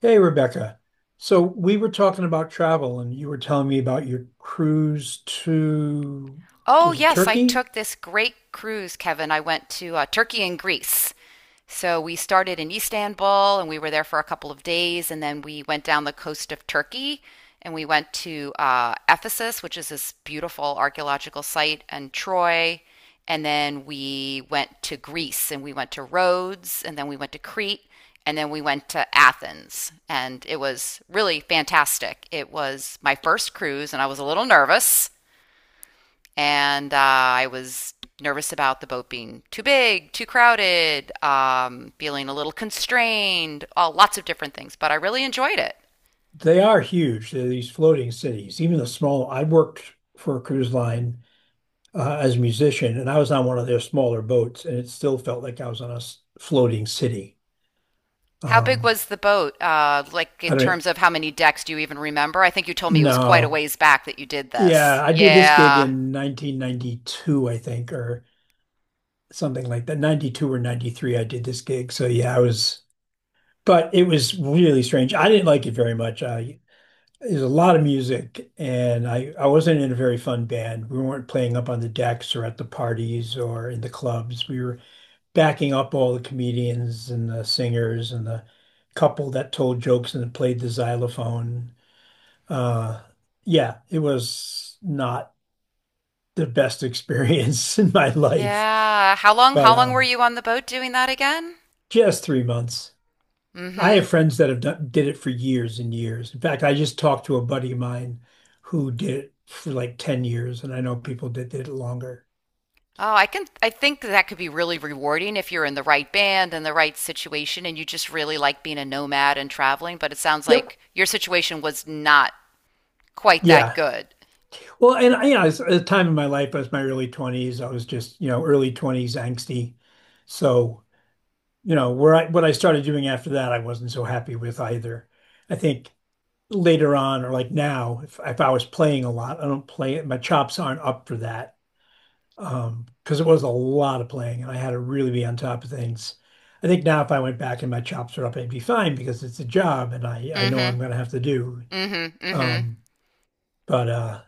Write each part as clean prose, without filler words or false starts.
Hey, Rebecca. So we were talking about travel, and you were telling me about your cruise to, Oh, was it yes, I Turkey? took this great cruise, Kevin. I went to Turkey and Greece. So we started in Istanbul and we were there for a couple of days, and then we went down the coast of Turkey and we went to Ephesus, which is this beautiful archaeological site, and Troy. And then we went to Greece and we went to Rhodes and then we went to Crete and then we went to Athens. And it was really fantastic. It was my first cruise and I was a little nervous and I was nervous about the boat being too big, too crowded, feeling a little constrained, all lots of different things. But I really enjoyed it. They are huge. They're these floating cities, even the small. I worked for a cruise line as a musician, and I was on one of their smaller boats, and it still felt like I was on a floating city. How big Um, was the boat? Like I in don't terms of how many decks do you even remember? I think you told me it was quite a know. ways back that you did Yeah, this. I did this gig Yeah, in 1992, I think, or something like that. 92 or 93, I did this gig. So yeah, I was. But it was really strange. I didn't like it very much. I There's a lot of music, and I wasn't in a very fun band. We weren't playing up on the decks or at the parties or in the clubs. We were backing up all the comedians and the singers and the couple that told jokes and played the xylophone. Uh, yeah, it was not the best experience in my life, yeah. How long? but How long were you on the boat doing that again? just 3 months. I Mm-hmm. have friends that have done did it for years and years. In fact, I just talked to a buddy of mine who did it for like 10 years, and I know people that did it longer. Oh, I can I think that could be really rewarding if you're in the right band and the right situation and you just really like being a nomad and traveling, but it sounds Yep. like your situation was not quite that Yeah. good. Well, it's a time in my life, I was my early 20s. I was just, early 20s angsty. So, where I what I started doing after that, I wasn't so happy with either. I think later on, or like now, if I was playing a lot, I don't play it. My chops aren't up for that. Because it was a lot of playing and I had to really be on top of things. I think now if I went back and my chops were up, I'd be fine because it's a job and I know Mhm. I'm going to have to do. Mhm. Mhm. Um, but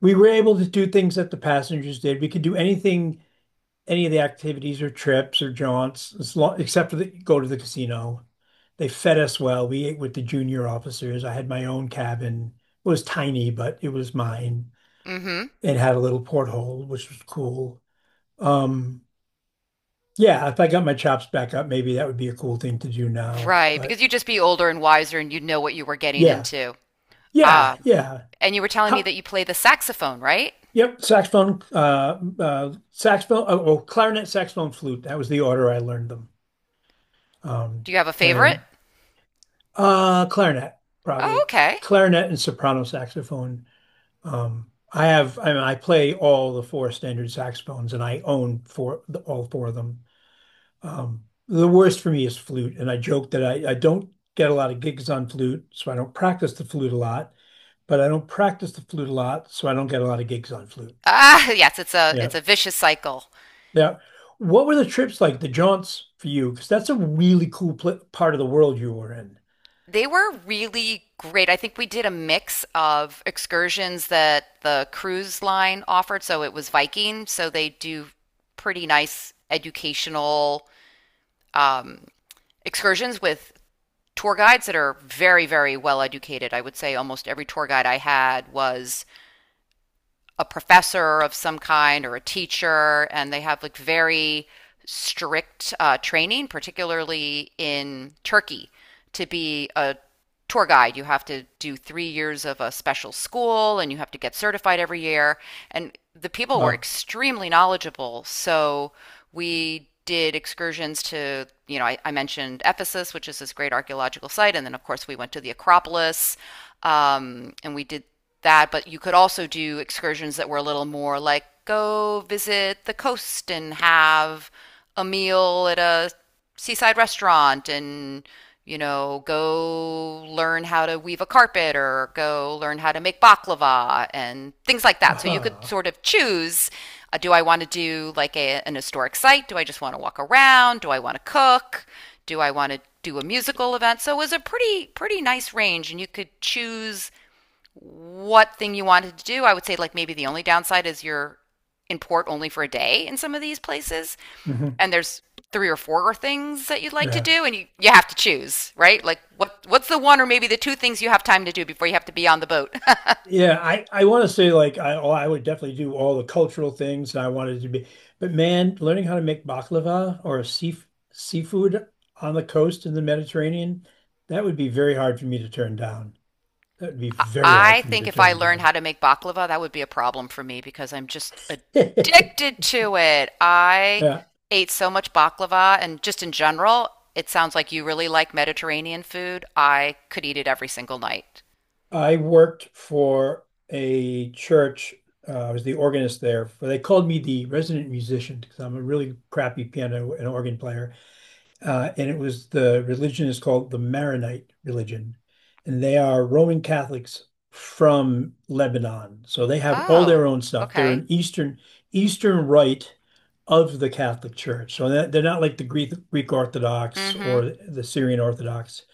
we were able to do things that the passengers did. We could do anything, any of the activities or trips or jaunts, as long, except for go to the casino. They fed us well. We ate with the junior officers. I had my own cabin. It was tiny, but it was mine. Mhm. It had a little porthole, which was cool. Um, Yeah, if I got my chops back up, maybe that would be a cool thing to do now. Right, But because you'd just be older and wiser and you'd know what you were getting yeah, into. yeah, Ah, yeah. and you were telling me How, that you play the saxophone, right? yep, saxophone, saxophone, clarinet, saxophone, flute. That was the order I learned them. Um, Do you have a favorite? and clarinet, Oh, probably okay. clarinet and soprano saxophone. I have, I play all the four standard saxophones and I own four, all four of them. The worst for me is flute, and I joke that I don't get a lot of gigs on flute, so I don't practice the flute a lot, but I don't practice the flute a lot, so I don't get a lot of gigs on flute. Ah, yes, it's a Yeah. it's a vicious cycle. Yeah. What were the trips like, the jaunts for you? Because that's a really cool pl part of the world you were in. They were really great. I think we did a mix of excursions that the cruise line offered. So it was Viking. So they do pretty nice educational um, excursions with tour guides that are very, very well educated. I would say almost every tour guide I had was a professor of some kind or a teacher, and they have like very strict training, particularly in Turkey, to be a tour guide. You have to do 3 years of a special school and you have to get certified every year. And the people were Uh, extremely knowledgeable. So we did excursions to, you know, I mentioned Ephesus, which is this great archaeological site. And then, of course, we went to the Acropolis and we did that. But you could also do excursions that were a little more like go visit the coast and have a meal at a seaside restaurant and, you know, go learn how to weave a carpet or go learn how to make baklava and things like that, so you could aha. sort of choose, do I want to do like an historic site, do I just want to walk around, do I want to cook, do I want to do a musical event? So it was a pretty nice range and you could choose what thing you wanted to do. I would say, like, maybe the only downside is you're in port only for a day in some of these places. Hmm. And there's three or four things that you'd like to Yeah. do, and you have to choose, right? Like, what what's the one or maybe the two things you have time to do before you have to be on the boat? Yeah, I want to say I oh, I would definitely do all the cultural things and I wanted to be, but man, learning how to make baklava or seafood on the coast in the Mediterranean, that would be very hard for me to turn down. That would be very hard I for me think to if I turn learned how down. to make baklava, that would be a problem for me because I'm just addicted to it. I Yeah, ate so much baklava, and just in general, it sounds like you really like Mediterranean food. I could eat it every single night. I worked for a church. I was the organist there. For they called me the resident musician because I'm a really crappy piano and organ player. And it was the religion is called the Maronite religion, and they are Roman Catholics from Lebanon. So they have all Oh, their own stuff. They're okay. an Eastern Rite of the Catholic Church. So that, they're not like the Greek Orthodox Mm-hmm. or the Syrian Orthodox.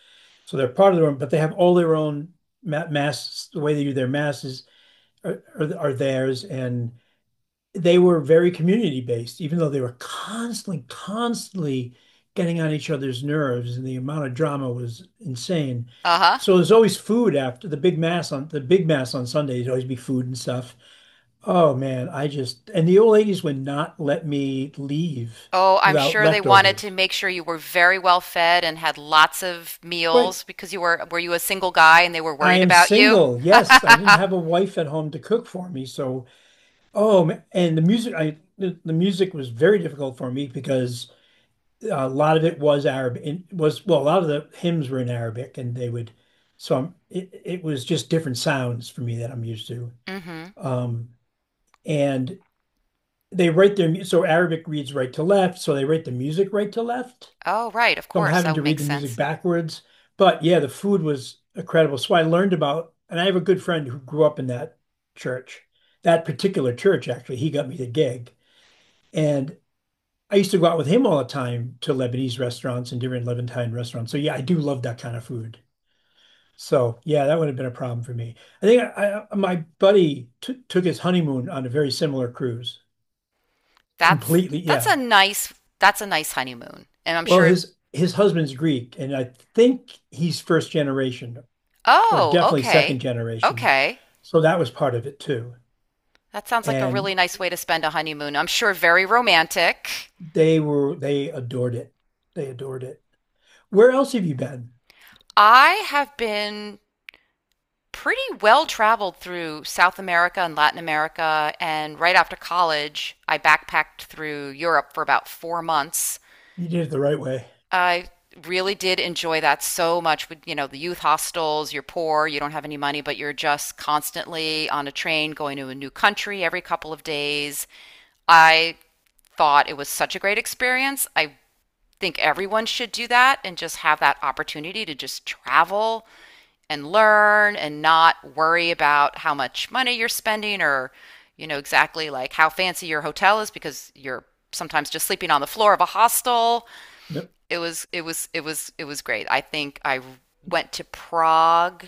So they're part of their own, but they have all their own mass. The way they do their masses are, are theirs, and they were very community based, even though they were constantly getting on each other's nerves, and the amount of drama was insane. Uh-huh. So there's always food after the big mass on the big mass on Sundays. Always be food and stuff. Oh man, I just and the old ladies would not let me leave Oh, I'm without sure they wanted to leftovers. make sure you were very well fed and had lots of But meals because you were you a single guy and they were I worried am about you? single. Yes, I didn't have a wife at home to cook for me. So oh, and the music was very difficult for me because a lot of it was Arabic and was well, a lot of the hymns were in Arabic and they would it was just different sounds for me that I'm used to. Mm-hmm. Um, and they write their so Arabic reads right to left, so they write the music right to left. Oh, right, of So I'm course. having That would to make read the music sense. backwards. But yeah, the food was incredible. So I learned about, and I have a good friend who grew up in that church, that particular church actually. He got me the gig. And I used to go out with him all the time to Lebanese restaurants and different Levantine restaurants. So yeah, I do love that kind of food. So yeah, that would have been a problem for me. I think my buddy t took his honeymoon on a very similar cruise. That's Completely, that's a yeah. nice, that's a nice honeymoon. And I'm Well, sure his husband's Greek, and I think he's first generation or Oh, definitely second okay. generation. Okay. So that was part of it too. That sounds like a And really nice way to spend a honeymoon. I'm sure very romantic. they were they adored it. They adored it. Where else have you been? I have been pretty well traveled through South America and Latin America. And right after college, I backpacked through Europe for about 4 months. You did it the right way. I really did enjoy that so much with, you know, the youth hostels. You're poor, you don't have any money, but you're just constantly on a train going to a new country every couple of days. I thought it was such a great experience. I think everyone should do that and just have that opportunity to just travel and learn and not worry about how much money you're spending or, you know, exactly like how fancy your hotel is because you're sometimes just sleeping on the floor of a hostel. Yep. It was great. I think I went to Prague,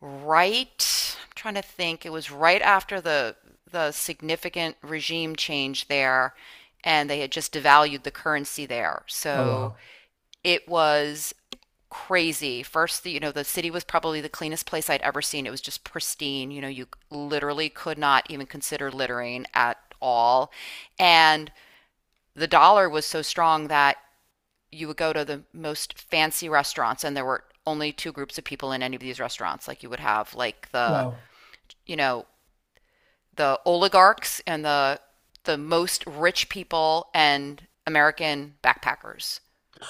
right, I'm trying to think, it was right after the significant regime change there, and they had just devalued the currency there. Oh, So wow. it was crazy. First, you know, the city was probably the cleanest place I'd ever seen. It was just pristine. You know, you literally could not even consider littering at all. And the dollar was so strong that you would go to the most fancy restaurants and there were only two groups of people in any of these restaurants. Like you would have like the, you know, the oligarchs and the most rich people and American backpackers.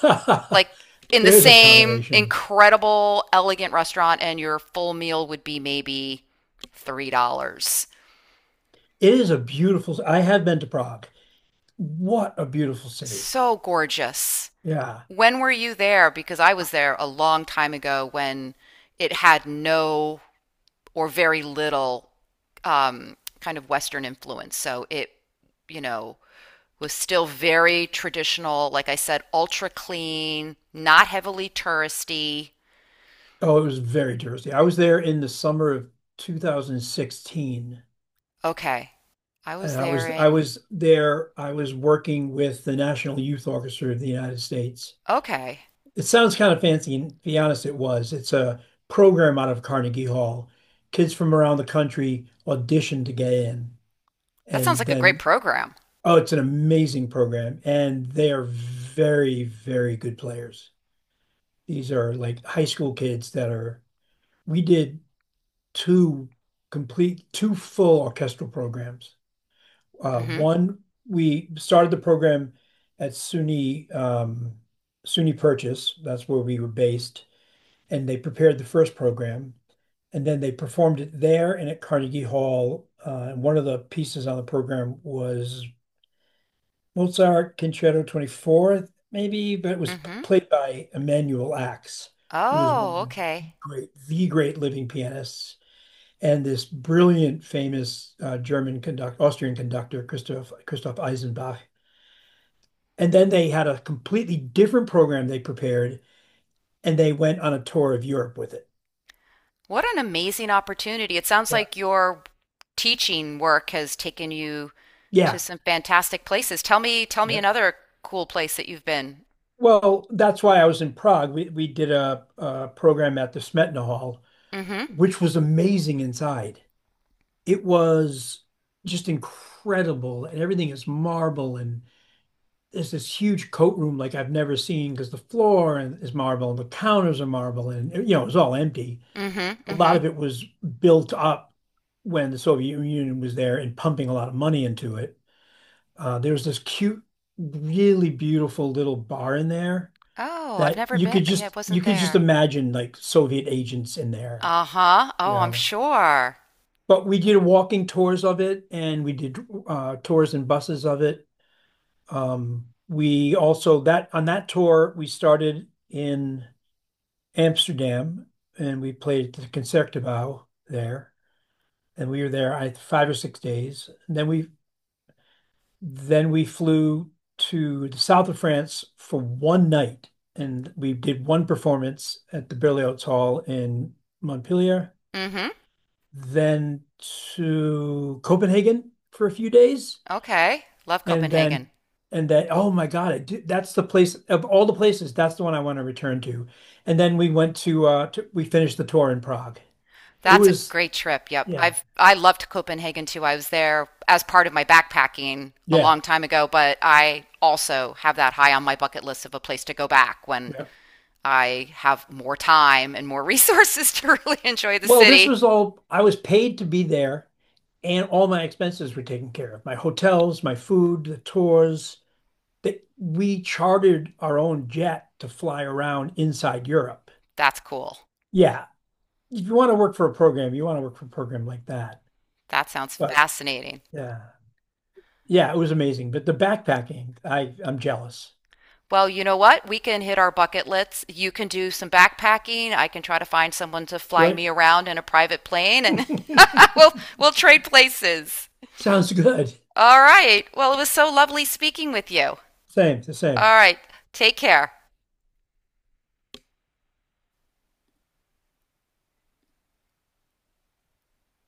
Wow. Like in the There is same accommodation. incredible elegant restaurant and your full meal would be maybe $3. It is a beautiful. I have been to Prague. What a beautiful city. So gorgeous. Yeah. When were you there? Because I was there a long time ago when it had no or very little kind of Western influence. So it, you know, was still very traditional. Like I said, ultra clean, not heavily touristy. Oh, it was very touristy. I was there in the summer of 2016, Okay. I was and there I in. was there. I was working with the National Youth Orchestra of the United States. Okay. It sounds kind of fancy, and to be honest, it was. It's a program out of Carnegie Hall. Kids from around the country audition to get in, That sounds and like a great then program. oh, it's an amazing program, and they are very, very good players. These are like high school kids that are. We did two complete, two full orchestral programs. Mm hmm. One, we started the program at SUNY Purchase. That's where we were based and they prepared the first program, and then they performed it there and at Carnegie Hall. And one of the pieces on the program was Mozart Concerto 24, maybe, but it was Mm hmm. played by Emanuel Ax, who was one of Oh, okay. The great living pianists, and this brilliant, famous German conductor, Austrian conductor, Christoph Eisenbach. And then they had a completely different program they prepared, and they went on a tour of Europe with it. What an amazing opportunity. It sounds Yeah. like your teaching work has taken you to Yeah. some fantastic places. Tell me another cool place that you've been. Well, that's why I was in Prague. We did a program at the Smetana Hall, Mm hmm. which was amazing inside. It was just incredible, and everything is marble, and there's this huge coat room like I've never seen because the is marble, and the counters are marble, and you know it was all empty. Mm-hmm. A lot Mm-hmm. of it was built up when the Soviet Union was there and pumping a lot of money into it. There was this cute, really beautiful little bar in there Oh, I've that never been. Yeah, I you wasn't could just there. imagine like Soviet agents in there, Uh-huh. you Oh, I'm know. sure. But we did walking tours of it, and we did tours and buses of it. We also that on that tour we started in Amsterdam, and we played at the Concertgebouw there, and we were there 5 or 6 days. And then we flew to the south of France for one night, and we did one performance at the Berlioz Hall in Montpellier. Mm-hmm. Then to Copenhagen for a few days, Okay. Love and then Copenhagen. and then oh my God, I do, that's the place of all the places. That's the one I want to return to. And then we went to, we finished the tour in Prague. It That's a was great trip. Yep. yeah, I loved Copenhagen too. I was there as part of my backpacking a yeah, long time ago, but I also have that high on my bucket list of a place to go back when yeah. I have more time and more resources to really enjoy the Well, this city. was all I was paid to be there and all my expenses were taken care of. My hotels, my food, the tours. That we chartered our own jet to fly around inside Europe. That's cool. Yeah, if you want to work for a program, you want to work for a program like that. That sounds But fascinating. yeah, yeah, it was amazing. But the backpacking, I'm jealous. Well, you know what? We can hit our bucket lists. You can do some backpacking. I can try to find someone to fly That's me around in a private plane right. and we'll we'll trade places. Sounds good. All right. Well, it was so lovely speaking with you. Same, the same. All right. Take care.